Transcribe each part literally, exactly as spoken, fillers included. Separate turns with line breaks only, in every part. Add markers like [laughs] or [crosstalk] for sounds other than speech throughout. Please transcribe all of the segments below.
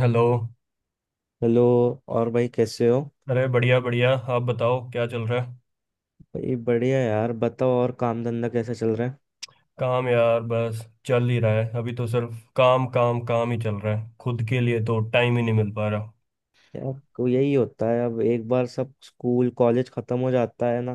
Hello.
Hello. और भाई कैसे हो?
अरे, बढ़िया बढ़िया, आप बताओ क्या चल रहा है।
भाई बढ़िया यार, बताओ। और काम धंधा कैसा चल रहा है?
काम यार, बस चल ही रहा है। अभी तो सिर्फ काम काम काम ही चल रहा है, खुद के लिए तो टाइम ही नहीं मिल पा रहा।
यार को यही होता है, अब एक बार सब स्कूल कॉलेज खत्म हो जाता है ना,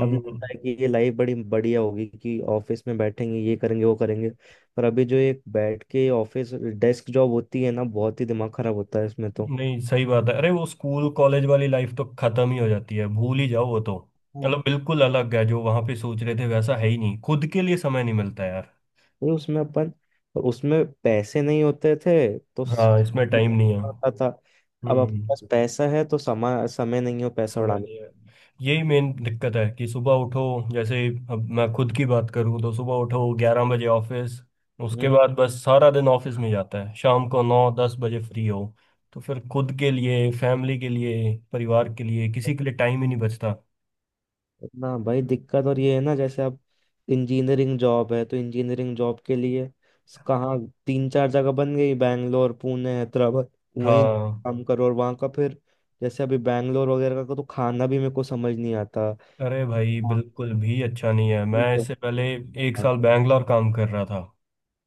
तब लगता है कि ये लाइफ बड़ी बढ़िया होगी कि ऑफिस में बैठेंगे, ये करेंगे, वो करेंगे। पर अभी जो एक बैठ के ऑफिस डेस्क जॉब होती है ना, बहुत ही दिमाग खराब होता है इसमें तो।
नहीं, सही बात है। अरे वो स्कूल कॉलेज वाली लाइफ तो खत्म ही हो जाती है, भूल ही जाओ वो तो।
हाँ।
मतलब बिल्कुल अलग है, जो वहां पे सोच रहे थे वैसा है ही नहीं। खुद के लिए समय नहीं मिलता यार।
ये उसमें अपन और उसमें पैसे नहीं होते थे तो स-
हाँ, इसमें टाइम नहीं है।
होता था। अब अपने
हम्म।
पास पैसा है तो समय समय नहीं हो पैसा
समय
उड़ाने।
नहीं है। यही मेन दिक्कत है कि सुबह उठो। जैसे अब मैं खुद की बात करूँ, तो सुबह उठो, ग्यारह बजे ऑफिस। उसके
हम्म।
बाद बस सारा दिन ऑफिस में जाता है, शाम को नौ दस बजे फ्री हो। तो फिर खुद के लिए, फैमिली के लिए, परिवार के लिए, किसी के लिए टाइम ही नहीं बचता।
ना भाई, दिक्कत और ये है ना जैसे अब इंजीनियरिंग जॉब है तो इंजीनियरिंग जॉब के लिए स- कहाँ तीन चार जगह बन गई, बैंगलोर, पुणे, हैदराबाद। वहीं
हाँ।
काम करो और वहाँ का फिर जैसे अभी बैंगलोर वगैरह का तो खाना भी मेरे को समझ नहीं आता।
अरे भाई,
हाँ,
बिल्कुल भी अच्छा नहीं है। मैं
बिल्कुल।
इससे पहले एक साल बैंगलोर काम कर रहा था।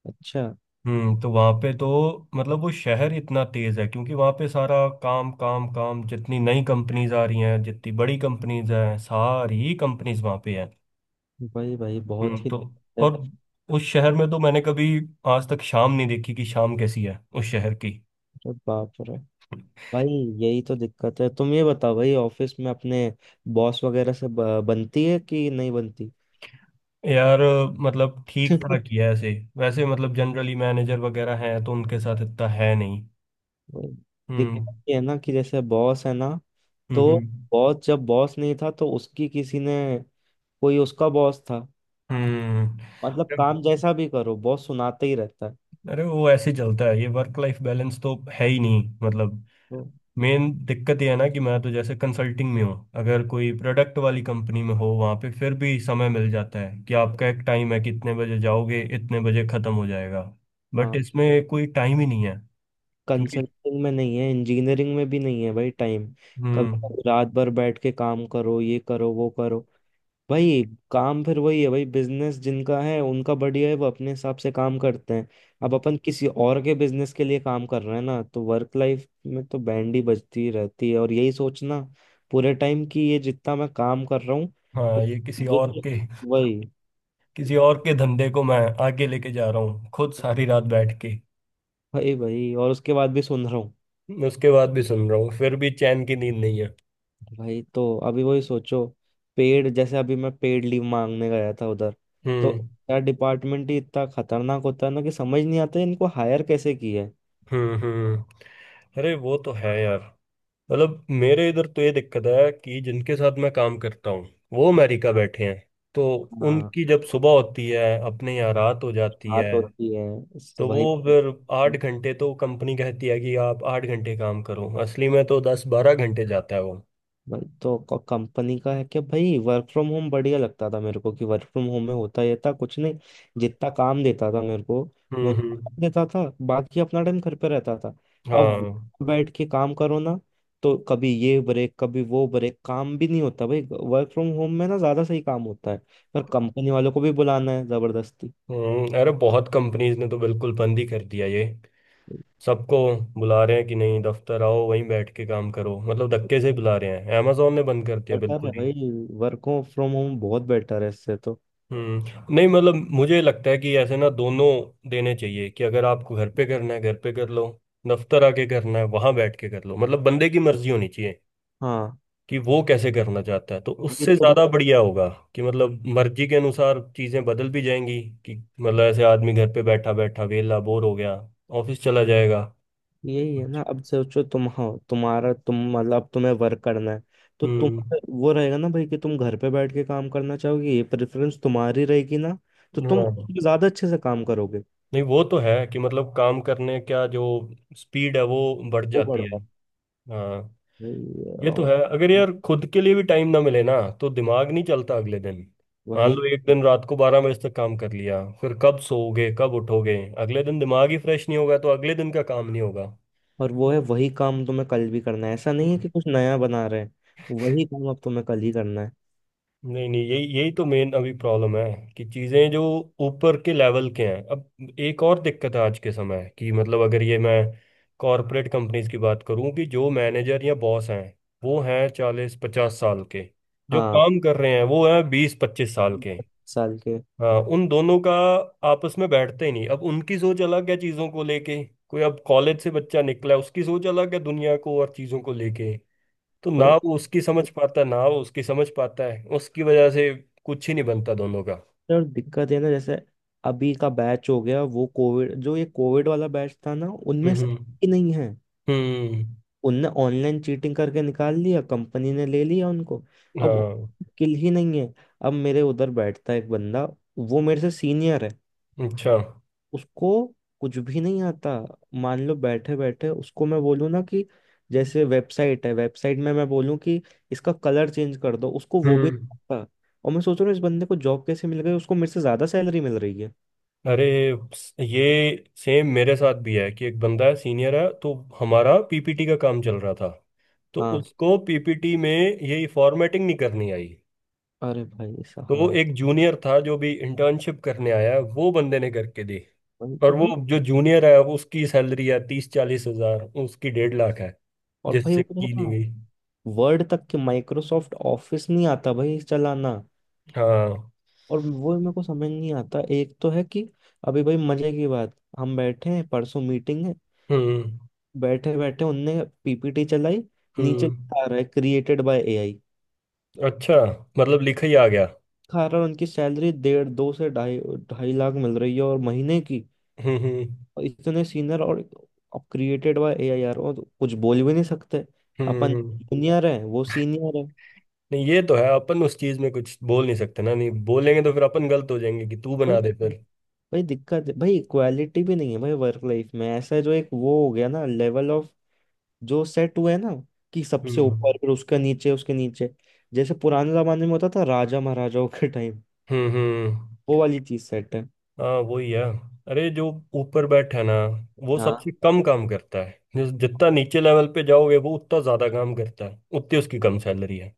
अच्छा।
हम्म। तो वहाँ पे तो मतलब वो शहर इतना तेज है, क्योंकि वहाँ पे सारा काम काम काम। जितनी नई कंपनीज आ रही हैं, जितनी बड़ी कंपनीज हैं, सारी कंपनीज वहाँ पे हैं।
भाई भाई,
हम्म।
बहुत ही
तो
दिक्कत है।
और उस शहर में तो मैंने कभी आज तक शाम नहीं देखी, कि शाम कैसी है उस शहर की।
अरे बाप रे! भाई यही तो दिक्कत है। तुम ये बताओ भाई, ऑफिस में अपने बॉस वगैरह से ब- बनती है कि नहीं बनती?
यार मतलब ठीक ठाक ही
[laughs]
है ऐसे। वैसे मतलब जनरली मैनेजर वगैरह हैं, तो उनके साथ इतना है नहीं। हम्म।
दिक्कत ये है ना कि जैसे बॉस है ना, तो
हम्म।
बॉस जब बॉस नहीं था तो उसकी किसी ने, कोई उसका बॉस था।
हम्म।
मतलब
हम्म।
काम जैसा भी करो, बॉस सुनाते ही रहता है
अरे वो ऐसे चलता है, ये वर्क लाइफ बैलेंस तो है ही नहीं, मतलब।
तो।
मेन दिक्कत ये है ना कि मैं तो जैसे कंसल्टिंग में हूँ। अगर कोई प्रोडक्ट वाली कंपनी में हो, वहाँ पे फिर भी समय मिल जाता है, कि आपका एक टाइम है कि इतने बजे जाओगे, इतने बजे ख़त्म हो जाएगा। बट
हाँ,
इसमें कोई टाइम ही नहीं है, क्योंकि।
कंसल्टिंग में नहीं है, इंजीनियरिंग में भी नहीं है भाई टाइम। कभी
हम्म।
कभी रात भर बैठ के काम करो, ये करो, वो करो। भाई काम फिर वही है भाई, बिजनेस जिनका है उनका बढ़िया है, वो अपने हिसाब से काम करते हैं। अब अपन किसी और के बिजनेस के लिए काम कर रहे हैं ना, तो वर्क लाइफ में तो बैंड ही बजती रहती है। और यही सोचना पूरे टाइम कि ये जितना मैं काम कर रहा हूँ,
हाँ,
उ-
ये किसी
मुझे
और
तो
के
वही।
किसी और के धंधे को मैं आगे लेके जा रहा हूँ, खुद सारी रात बैठ के।
भाई भाई, और उसके बाद भी सुन रहा हूँ।
उसके बाद भी सुन रहा हूँ, फिर भी चैन की नींद नहीं है।
भाई तो अभी वही सोचो पेड, जैसे अभी मैं पेड लीव मांगने गया था उधर, तो
हम्म।
यार डिपार्टमेंट ही इतना खतरनाक होता है ना कि समझ नहीं आता है इनको हायर कैसे किया है।
हम्म। हम्म। अरे वो तो है यार। मतलब मेरे इधर तो ये दिक्कत है, कि जिनके साथ मैं काम करता हूँ, वो अमेरिका बैठे हैं। तो
हाँ,
उनकी जब सुबह होती है, अपने यहाँ रात हो जाती है।
बात होती है। इस-
तो वो
वही।
फिर आठ घंटे तो कंपनी कहती है कि आप आठ घंटे काम करो, असली में तो दस बारह घंटे जाता है वो।
वही तो कंपनी का है कि भाई वर्क फ्रॉम होम बढ़िया लगता था मेरे को, कि वर्क फ्रॉम होम में होता ये था, कुछ नहीं, जितना काम देता था मेरे को मैं
हम्म।
उतना
हम्म।
काम देता था, बाकी अपना टाइम घर पे रहता था। अब
हाँ।
बैठ के काम करो ना, तो कभी ये ब्रेक, कभी वो ब्रेक, काम भी नहीं होता भाई। वर्क फ्रॉम होम में ना ज्यादा सही काम होता है, पर कंपनी वालों को भी बुलाना है जबरदस्ती।
हम्म, अरे बहुत कंपनीज ने तो बिल्कुल बंद ही कर दिया ये। सबको बुला रहे हैं, कि नहीं दफ्तर आओ, वहीं बैठ के काम करो। मतलब धक्के से ही बुला रहे हैं। अमेजोन ने बंद कर दिया
बेटर
बिल्कुल।
है भाई, वर्क फ्रॉम होम बहुत बेटर है इससे तो।
हम्म। नहीं, मतलब मुझे लगता है कि ऐसे ना दोनों देने चाहिए। कि अगर आपको घर पे करना है, घर पे कर लो। दफ्तर आके करना है, वहां बैठ के कर लो। मतलब बंदे की मर्जी होनी चाहिए
हाँ,
कि वो कैसे करना चाहता है, तो
ये
उससे
तो बस।
ज्यादा बढ़िया होगा। कि मतलब मर्जी के अनुसार चीजें बदल भी जाएंगी। कि मतलब ऐसे आदमी घर पे बैठा बैठा वेला बोर हो गया, ऑफिस चला जाएगा।
यही है ना, अब सोचो तुम हो, तुम्हारा तुम मतलब अब तुम्हें वर्क करना है तो तुम,
हम्म।
वो रहेगा ना भाई कि तुम घर पे बैठ के काम करना चाहोगे, ये प्रेफरेंस तुम्हारी रहेगी ना, तो तुम
हाँ।
उसमें ज्यादा अच्छे से काम करोगे।
नहीं, वो तो है कि मतलब काम करने का जो स्पीड है, वो बढ़
वो
जाती है।
बढ़ता है।
हाँ,
वही है,
ये तो
और
है। अगर यार खुद के लिए भी टाइम ना मिले ना, तो दिमाग नहीं चलता अगले दिन। मान
वही।
लो एक दिन रात को बारह बजे तक काम कर लिया, फिर कब सोओगे कब उठोगे। अगले दिन दिमाग ही फ्रेश नहीं होगा, तो अगले दिन का काम नहीं होगा।
और वो है वही काम तुम्हें कल भी करना है, ऐसा नहीं है
हम्म।
कि कुछ नया बना रहे हैं। वही काम अब तुम्हें कल ही करना है।
नहीं नहीं, यही यही तो मेन अभी प्रॉब्लम है। कि चीजें जो ऊपर के लेवल के हैं। अब एक और दिक्कत है आज के समय, कि मतलब अगर ये मैं कॉरपोरेट कंपनीज की बात करूं, कि जो मैनेजर या बॉस हैं, वो हैं चालीस पचास साल के। जो
हाँ,
काम कर रहे हैं, वो हैं बीस पच्चीस साल के।
पच्चीस साल के।
हाँ, उन दोनों का आपस में बैठते ही नहीं। अब उनकी सोच अलग है चीज़ों को लेके। कोई अब कॉलेज से बच्चा निकला है, उसकी सोच अलग है दुनिया को और चीज़ों को लेके। तो ना
भाई
वो उसकी समझ पाता, ना वो उसकी समझ पाता है। उसकी वजह से कुछ ही नहीं बनता दोनों का।
और दिक्कत है ना, जैसे अभी का बैच हो गया वो कोविड, जो ये कोविड वाला बैच था ना, उनमें
हम्म।
स्किल ही नहीं है।
हम्म।
उनने ऑनलाइन चीटिंग करके निकाल लिया, कंपनी ने ले लिया उनको। अब
हाँ।
किल ही नहीं है। अब मेरे उधर बैठता है एक बंदा, वो मेरे से सीनियर है।
अच्छा।
उसको कुछ भी नहीं आता। मान लो बैठे बैठे उसको मैं बोलूँ ना कि जैसे वेबसाइट है, वेबसाइट में मैं बोलूँ कि इसका कलर चेंज कर दो, उसको वो भी
हम्म।
नहीं आता। और मैं सोच रहा हूँ इस बंदे को जॉब कैसे मिल गई, उसको मेरे से ज्यादा सैलरी मिल रही है।
अरे, स- ये सेम मेरे साथ भी है, कि एक बंदा है सीनियर है। तो हमारा पीपीटी का काम चल रहा था, तो
हाँ,
उसको पीपीटी में ये फॉर्मेटिंग नहीं करनी आई।
अरे भाई
तो
साहब।
एक जूनियर था जो भी इंटर्नशिप करने आया, वो बंदे ने करके दी।
वही तो
और वो
भाई,
जो जूनियर है, वो उसकी सैलरी है तीस चालीस हजार, उसकी डेढ़ लाख है।
और भाई
जिससे की नहीं
वो,
गई।
वर्ड तक के माइक्रोसॉफ्ट ऑफिस नहीं आता भाई चलाना।
हाँ।
और वो मेरे को समझ नहीं आता, एक तो है कि अभी भाई मजे की बात, हम बैठे हैं परसों मीटिंग है,
हम्म।
बैठे बैठे उनने पीपीटी चलाई, नीचे
हम्म।
लिखा रहा है क्रिएटेड बाय ए आई।
अच्छा। मतलब लिखा ही आ गया।
खा रहा है, उनकी सैलरी डेढ़ दो से ढाई, ढाई लाख मिल रही है और महीने की,
हम्म। हम्म।
और इतने सीनियर, और अब क्रिएटेड बाय ए आई यार, और कुछ बोल भी नहीं सकते।
हम्म।
अपन
हम्म।
जूनियर है वो सीनियर
नहीं ये तो है, अपन उस चीज में कुछ बोल नहीं सकते ना। नहीं बोलेंगे तो फिर अपन गलत हो जाएंगे, कि तू
है।
बना दे फिर।
भाई दिक्कत है भाई, इक्वालिटी भी नहीं है भाई। वर्क लाइफ में ऐसा है, जो एक वो हो गया ना, लेवल ऑफ जो सेट हुआ है ना, कि सबसे
हम्म।
ऊपर, फिर उसके नीचे, उसके नीचे, जैसे पुराने जमाने में होता था राजा महाराजाओं के टाइम,
हम्म। हम्म।
वो वाली चीज सेट है।
हाँ, वही है। अरे, जो ऊपर बैठा है ना, वो
हाँ,
सबसे कम काम करता है। जिस जितना नीचे लेवल पे जाओगे, वो उतना ज्यादा काम करता है, उतनी उसकी कम सैलरी है।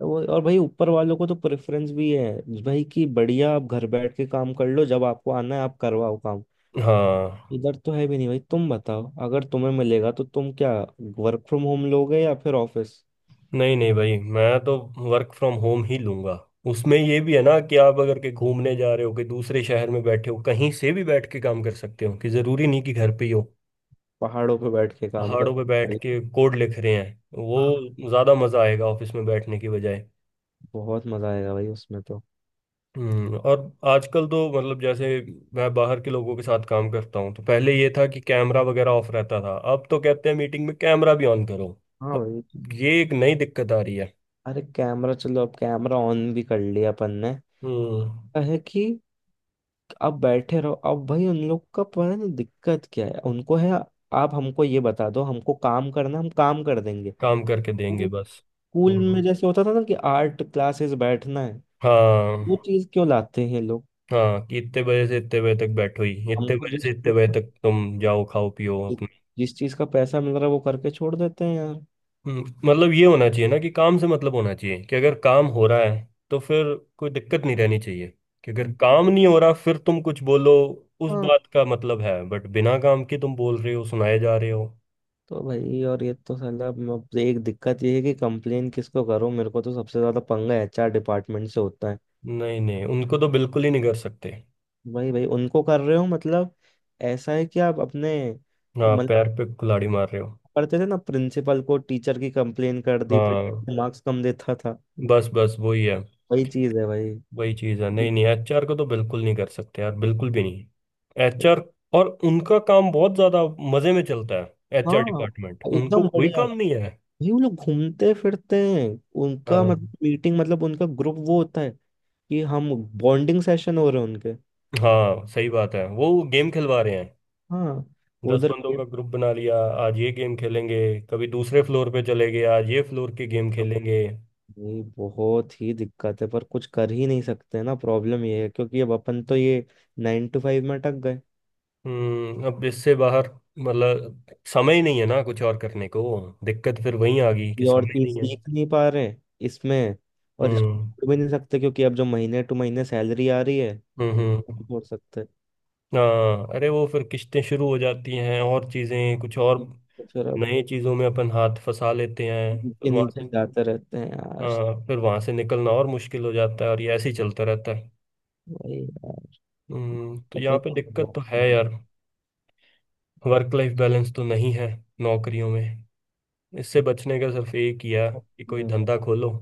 वो। और भाई ऊपर वालों को तो प्रेफरेंस भी है भाई कि बढ़िया आप घर बैठ के काम कर लो, जब आपको आना है आप करवाओ काम।
हाँ।
इधर तो है भी नहीं भाई। तुम बताओ, अगर तुम्हें मिलेगा तो तुम क्या वर्क फ्रॉम होम लोगे या फिर ऑफिस?
नहीं नहीं भाई, मैं तो वर्क फ्रॉम होम ही लूंगा। उसमें ये भी है ना कि आप अगर के घूमने जा रहे हो, कि दूसरे शहर में बैठे हो, कहीं से भी बैठ के काम कर सकते हो। कि जरूरी नहीं कि घर पे ही हो।
पहाड़ों पे बैठ के काम कर।
पहाड़ों पे बैठ के कोड लिख रहे हैं, वो
हाँ,
ज्यादा मजा आएगा ऑफिस में बैठने की बजाय।
बहुत मजा आएगा भाई उसमें तो।
हम्म। और आजकल तो मतलब जैसे मैं बाहर के लोगों के साथ काम करता हूँ, तो पहले ये था कि कैमरा वगैरह ऑफ रहता था, अब तो कहते हैं मीटिंग में कैमरा भी ऑन करो।
हाँ
अब
भाई।
ये एक नई दिक्कत आ रही है।
अरे कैमरा, चलो अब कैमरा ऑन भी कर लिया अपन ने,
हम्म।
क्या है कि अब बैठे रहो, अब भाई उन लोग का पता नहीं दिक्कत क्या है, उनको है। आप हमको ये बता दो हमको काम करना है, हम काम कर देंगे।
काम करके देंगे
वो
बस।
स्कूल में
हम्म।
जैसे होता था ना कि आर्ट क्लासेस बैठना है,
हाँ।
वो चीज क्यों लाते हैं ये लोग?
हाँ, कि इतने बजे से इतने बजे तक बैठो ही, इतने
हमको
बजे
जिस
से इतने
चीज
बजे
का,
तक तुम जाओ खाओ पियो।
जिस चीज का पैसा मिल रहा है वो करके छोड़ देते हैं यार।
हम्म, मतलब ये होना चाहिए ना कि काम से मतलब होना चाहिए। कि अगर काम हो रहा है, तो फिर कोई दिक्कत नहीं रहनी चाहिए। कि अगर काम नहीं हो रहा, फिर तुम कुछ बोलो, उस
हाँ,
बात का मतलब है। बट बिना काम के तुम बोल रहे हो, सुनाए जा रहे हो।
तो भाई। और ये तो साला म- अब एक दिक्कत ये है कि कंप्लेन किसको करो? मेरे को तो सबसे ज्यादा पंगा एच आर डिपार्टमेंट से होता है।
नहीं नहीं, उनको तो बिल्कुल ही नहीं कर सकते।
भाई भाई उनको कर रहे हो मतलब, ऐसा है कि आप अपने,
हाँ,
मतलब
पैर पे कुल्हाड़ी मार रहे हो।
करते थे ना प्रिंसिपल को टीचर की कंप्लेन कर दी फिर
हाँ।
मार्क्स कम देता था।
बस बस वही है।
वही चीज है भाई।
वही चीज़ है। नहीं नहीं एचआर को तो बिल्कुल नहीं कर सकते यार, बिल्कुल भी नहीं। एचआर और उनका काम बहुत ज्यादा मजे में चलता है। एचआर
हाँ,
डिपार्टमेंट, उनको
एकदम
कोई
बढ़िया।
काम नहीं है।
भाई वो लोग घूमते फिरते हैं, उनका
हाँ।
मतलब मीटिंग मतलब उनका ग्रुप वो होता है कि हम बॉन्डिंग सेशन हो रहे हैं उनके।
हाँ, सही बात है, वो गेम खिलवा रहे हैं।
हाँ, वो
दस
उधर।
बंदों का ग्रुप बना लिया, आज ये गेम खेलेंगे। कभी दूसरे फ्लोर पे चले गए, आज ये फ्लोर के गेम खेलेंगे।
ये बहुत ही दिक्कत है पर कुछ कर ही नहीं सकते ना, प्रॉब्लम ये है क्योंकि अब अपन तो ये नाइन टू फाइव में अटक गए।
हम्म। अब इससे बाहर मतलब समय ही नहीं है ना कुछ और करने को। दिक्कत फिर वही आ गई, कि
ये और
समय ही
चीज
नहीं है।
सीख नहीं पा रहे इसमें, और इसको
हम्म।
छोड़ भी नहीं सकते क्योंकि अब जो महीने टू महीने सैलरी आ रही है
हम्म।
वो
हम्म,
नहीं छोड़ सकते।
हाँ, अरे वो फिर किस्तें शुरू हो जाती हैं और चीजें कुछ और।
तो फिर अब
नए चीजों में अपन हाथ फंसा लेते हैं, फिर
नीचे
वहां
नीचे
से।
जाते रहते हैं यार।
हाँ, फिर वहां से निकलना और मुश्किल हो जाता है, और ये ऐसे ही चलता रहता है।
वही यार,
हम्म, तो यहाँ
पते
पे
तो
दिक्कत
बहुत
तो है
है।
यार। वर्क लाइफ बैलेंस तो नहीं है नौकरियों में। इससे बचने का सिर्फ एक ही है, कि कोई धंधा खोलो।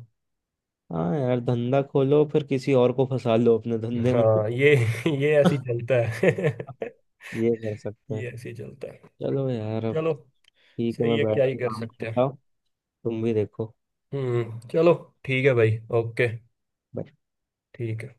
हाँ यार, धंधा खोलो फिर किसी और को फंसा लो अपने धंधे में।
हाँ।
[laughs]
ये ये ऐसे ही चलता है। [laughs]
ये कर सकते हैं।
ये ऐसे ही चलता है।
चलो यार, अब
चलो,
ठीक है,
सही
मैं
है,
बैठ
क्या ही
के
कर
काम
सकते
करता
हैं।
हूँ, तुम भी देखो।
हम्म, चलो, ठीक है भाई, ओके।
Bye.
ठीक है।